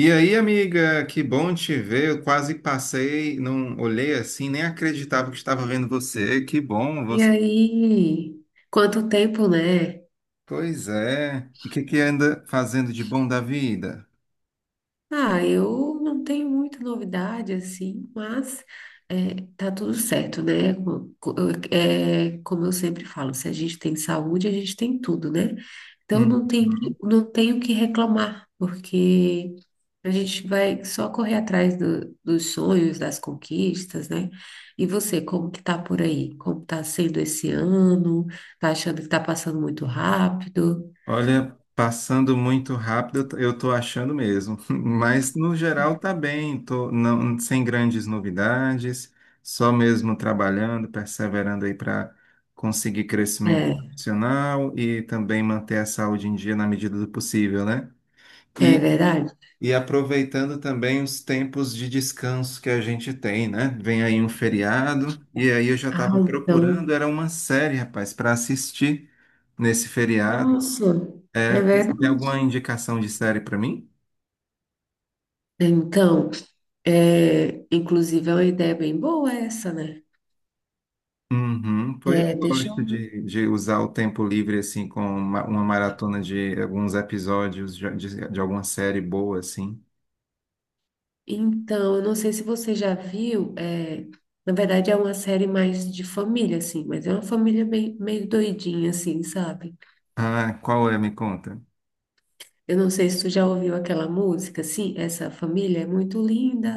E aí, amiga, que bom te ver. Eu quase passei, não olhei assim, nem acreditava que estava vendo você. Que bom E você. aí, quanto tempo, né? Pois é. E o que que anda fazendo de bom da vida? Ah, eu não tenho muita novidade assim, mas tá tudo certo, né? Como eu sempre falo, se a gente tem saúde, a gente tem tudo, né? Então Hum. Não tenho o que reclamar, porque a gente vai só correr atrás dos sonhos, das conquistas, né? E você, como que tá por aí? Como tá sendo esse ano? Tá achando que tá passando muito rápido? Olha, passando muito rápido, eu tô achando mesmo. Mas no geral tá bem, tô não, sem grandes novidades, só mesmo trabalhando, perseverando aí para conseguir crescimento É. profissional e também manter a saúde em dia na medida do possível, né? É verdade? E aproveitando também os tempos de descanso que a gente tem, né? Vem aí um feriado, e aí eu já Ah, estava procurando, então, era uma série, rapaz, para assistir nesse feriado. nossa, é É, você tem alguma verdade. indicação de série para mim? Então, inclusive é uma ideia bem boa essa, né? Uhum, foi, eu É, deixa gosto eu ver. de usar o tempo livre, assim, com uma maratona de alguns episódios de alguma série boa, assim. Então, eu não sei se você já viu, na verdade é uma série mais de família, assim, mas é uma família bem, meio doidinha, assim, sabe? Ah, qual é? Me conta. Eu não sei se tu já ouviu aquela música, assim, essa família é muito linda.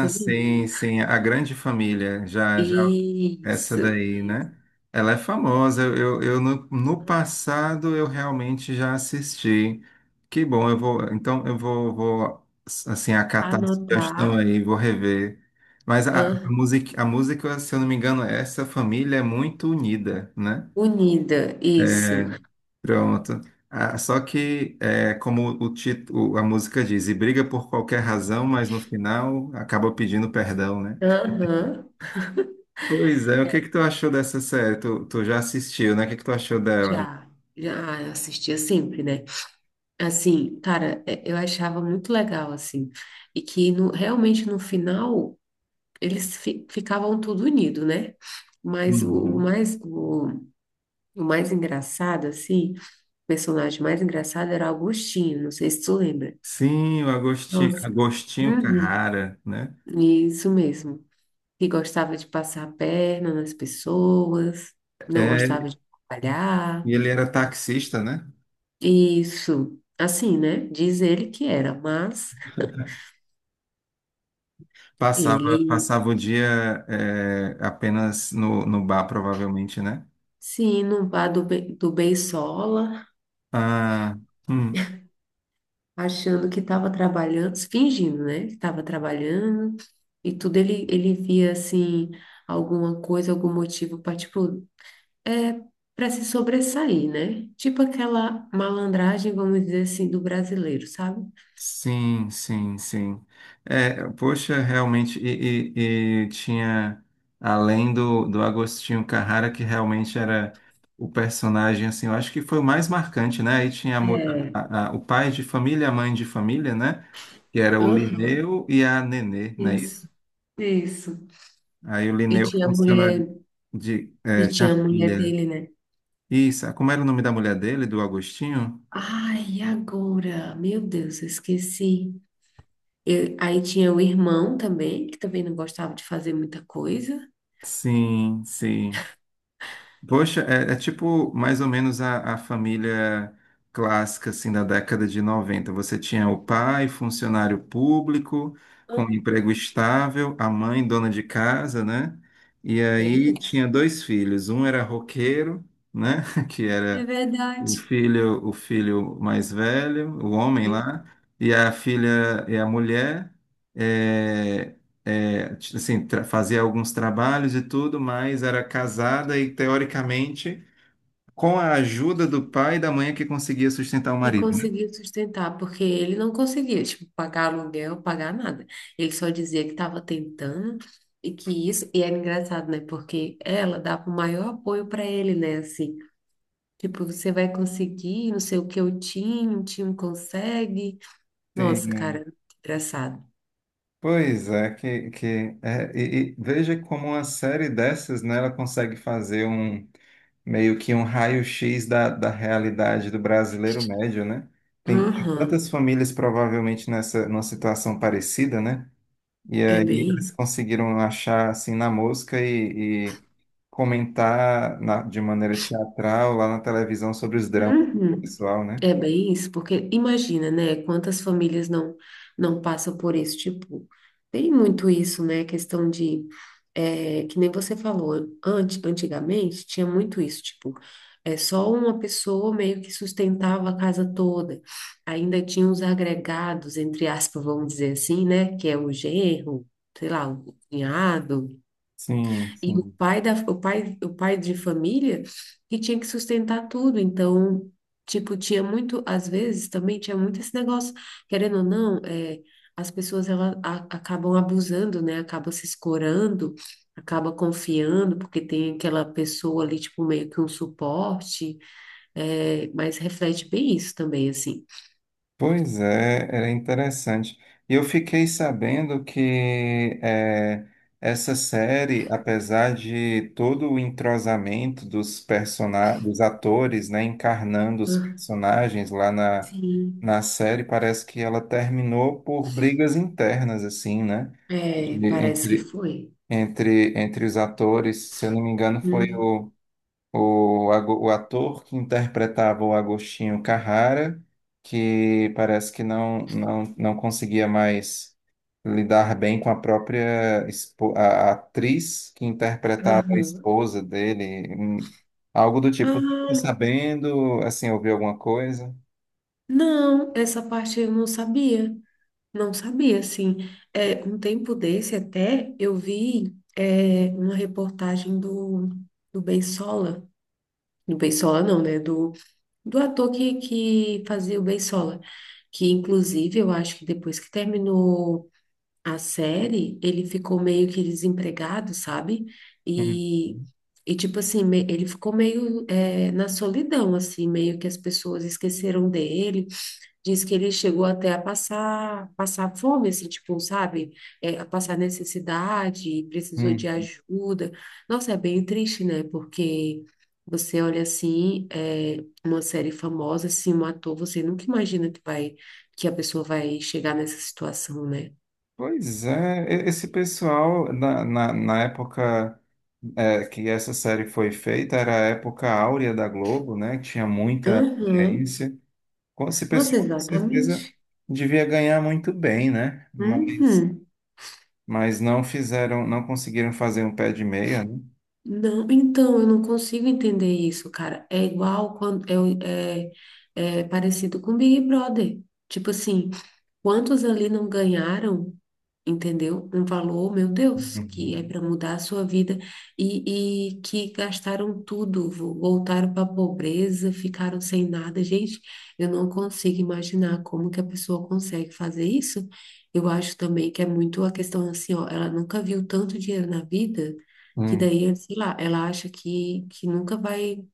Muito linda. sim, sim, A Grande Família. Já, já essa Isso, daí, isso. né? Ela é famosa. Eu no passado eu realmente já assisti. Que bom, eu vou. Então eu vou, vou assim, acatar a Anotar. sugestão aí, vou rever. Mas Aham. A música, se eu não me engano, essa família é muito unida, né? Unida, isso. É, pronto. Ah, só que, é, como o título, a música diz, e briga por qualquer razão, mas no final acaba pedindo perdão, né? Aham. Pois é, o que que tu achou dessa série? Tu já assistiu, né? O que que tu achou dela? Já, já assistia sempre, né? Assim, cara, eu achava muito legal, assim, e que realmente no final eles ficavam tudo unido, né? Mas o, o Uhum. mais, o, o mais engraçado, assim, o personagem mais engraçado era Augustinho, não sei se tu lembra. Sim, o Agostinho, Nossa, Agostinho uhum, Carrara, né? isso mesmo. Que gostava de passar a perna nas pessoas, não gostava É. de E trabalhar. ele era taxista, né? Isso, assim, né? Diz ele que era, mas Passava, ele passava o dia é, apenas no bar, provavelmente, né? se inubar do, do Beisola, Ah, hum. achando que estava trabalhando, fingindo, né? Que estava trabalhando e tudo. Ele via, assim, alguma coisa, algum motivo para, tipo, é, para se sobressair, né? Tipo aquela malandragem, vamos dizer assim, do brasileiro, sabe? Sim, sim, sim. É, poxa, realmente, e, e tinha, além do Agostinho Carrara, que realmente era o personagem, assim, eu acho que foi o mais marcante, né? Aí tinha a É, o pai de família, a mãe de família, né? Que era o aham, Lineu e a Nenê, não é isso? isso, isso. Aí o E Lineu, tinha a mulher, funcionário de, e é, tinha tinha a mulher filha. dele, né? Isso, como era o nome da mulher dele, do Agostinho? Ai, e agora, meu Deus, eu esqueci. Aí tinha o irmão também, que também não gostava de fazer muita coisa. Sim, sim. Poxa, é, é tipo mais ou menos a família clássica assim da década de noventa. Você tinha o pai, funcionário público, com emprego Uhum. estável, a mãe, dona de casa, né? E Bem aí isso. tinha dois filhos. Um era roqueiro, né? Que É era verdade. O filho mais velho, o homem E lá, e a filha e a mulher é, fazia alguns trabalhos e tudo, mas era casada e teoricamente com a ajuda do pai e da mãe é que conseguia sustentar o e marido, né? conseguiu sustentar, porque ele não conseguia, tipo, pagar aluguel, pagar nada. Ele só dizia que estava tentando e que isso, e era engraçado, né? Porque ela dava o maior apoio para ele, né? Assim, tipo, você vai conseguir, não sei o que o time consegue. Nossa, Sim. cara, engraçado. Pois é, que é, e veja como uma série dessas, né, ela consegue fazer um meio que um raio-x da realidade do brasileiro médio, né? Tem Aham. tantas famílias provavelmente nessa numa situação parecida, né? E É aí eles bem. conseguiram achar assim na mosca e comentar na- de maneira teatral lá na televisão sobre os dramas do Uhum. pessoal, né? É bem isso, porque imagina, né, quantas famílias não passam por isso, tipo, tem muito isso, né, questão de, é, que nem você falou, antigamente tinha muito isso, tipo, é só uma pessoa meio que sustentava a casa toda, ainda tinha os agregados, entre aspas, vamos dizer assim, né, que é o genro, sei lá, o cunhado. Sim, E o sim. pai da, o pai de família que tinha que sustentar tudo. Então, tipo, tinha muito, às vezes também tinha muito esse negócio, querendo ou não, é, as pessoas elas acabam abusando, né? Acaba se escorando, acaba confiando, porque tem aquela pessoa ali, tipo, meio que um suporte, é, mas reflete bem isso também, assim. Pois é, era interessante. E eu fiquei sabendo que eh, essa série, apesar de todo o entrosamento dos persona dos atores, né, encarnando os Ah, personagens lá na, sim, na série, parece que ela terminou por brigas internas, assim, né? é, De- parece que entre, foi. entre os atores, se eu não me engano, foi Hum. o o ator que interpretava o Agostinho Carrara, que parece que não conseguia mais lidar bem com a própria a atriz que interpretava a Aham. esposa dele, algo do tipo. Tô Ah, sabendo, assim, ouvi alguma coisa? não, essa parte eu não sabia. Não sabia, assim. É, um tempo desse até eu vi uma reportagem do, do Beisola, do Beisola não, né? Do, do ator que fazia o Beisola, que inclusive eu acho que depois que terminou a série, ele ficou meio que desempregado, sabe? Hum, E, hum. e tipo assim, ele ficou meio na solidão, assim, meio que as pessoas esqueceram dele. Diz que ele chegou até a passar fome, assim, tipo, sabe? É, a passar necessidade, precisou de Hum. ajuda. Nossa, é bem triste, né? Porque você olha assim, é, uma série famosa, assim, um ator, você nunca imagina que a pessoa vai chegar nessa situação, né? Pois é, e- esse pessoal, na época é, que essa série foi feita, era a época áurea da Globo, né? Tinha muita Aham. audiência. Com esse Nossa, pessoal, com certeza, exatamente. devia ganhar muito bem, né? Uhum. Mas não fizeram, não conseguiram fazer um pé de meia, né? Não, então, eu não consigo entender isso, cara. É igual quando é, é, é parecido com Big Brother. Tipo assim, quantos ali não ganharam, entendeu? Um valor, meu Deus, que é Uhum. para mudar a sua vida e que gastaram tudo, voltaram para a pobreza, ficaram sem nada. Gente, eu não consigo imaginar como que a pessoa consegue fazer isso. Eu acho também que é muito a questão assim, ó, ela nunca viu tanto dinheiro na vida, que Hum, daí, sei lá, ela acha que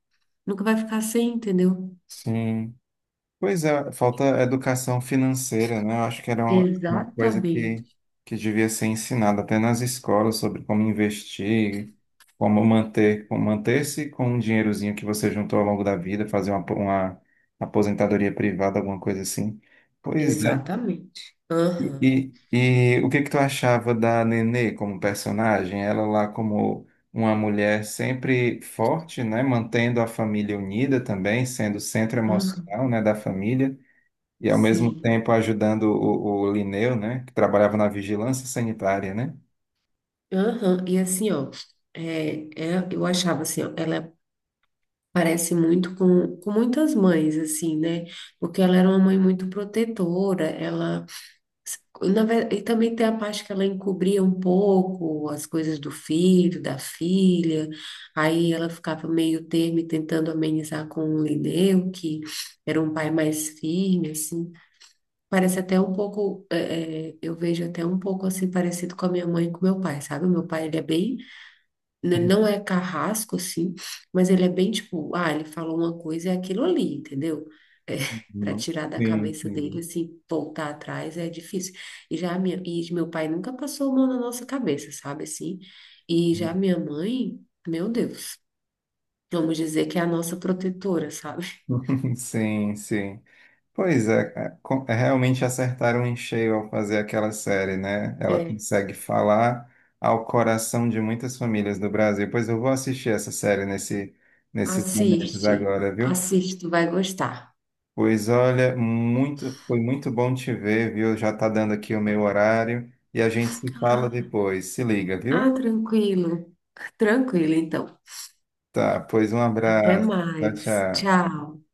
nunca vai ficar sem, entendeu? sim. Pois é, falta educação financeira, né? Eu acho que era uma coisa Exatamente, que devia ser ensinada até nas escolas sobre como investir, como manter, como manter-se com um dinheirozinho que você juntou ao longo da vida, fazer uma aposentadoria privada, alguma coisa assim. Pois é. exatamente. Aham. E, o que que tu achava da Nenê como personagem? Ela lá como uma mulher sempre forte, né? Mantendo a família unida também, sendo o centro emocional, né, da família e ao mesmo Sim. tempo ajudando o Linneu, né, que trabalhava na vigilância sanitária, né? Aham. E assim, ó, eu achava assim, ó, ela parece muito com muitas mães, assim, né? Porque ela era uma mãe muito protetora, ela, na verdade, e também tem a parte que ela encobria um pouco as coisas do filho, da filha, aí ela ficava meio termo e tentando amenizar com o Lineu, que era um pai mais firme, assim. Parece até um pouco, eu vejo até um pouco assim parecido com a minha mãe e com meu pai, sabe? O meu pai, ele é bem não é carrasco, assim, mas ele é bem tipo, ah, ele falou uma coisa, é aquilo ali, entendeu? É, para Uhum. tirar da Sim, cabeça dele, entendi. assim, voltar atrás é difícil. E meu pai nunca passou a mão na nossa cabeça, sabe, assim? E já minha mãe, meu Deus, vamos dizer que é a nossa protetora, sabe? Sim, sim. Pois é, é, co- é, realmente acertaram em cheio ao fazer aquela série, né? Ela É, consegue falar ao coração de muitas famílias do Brasil. Pois eu vou assistir essa série nesse, nesses momentos assiste, agora, viu? assiste, tu vai gostar. Pois olha, muito, foi muito bom te ver, viu? Já tá dando aqui o meu horário e a gente se fala Ah, depois. Se liga, ah, viu? tranquilo, tranquilo, então. Tá, pois um Até abraço. Tchau, mais. tchau. Tchau.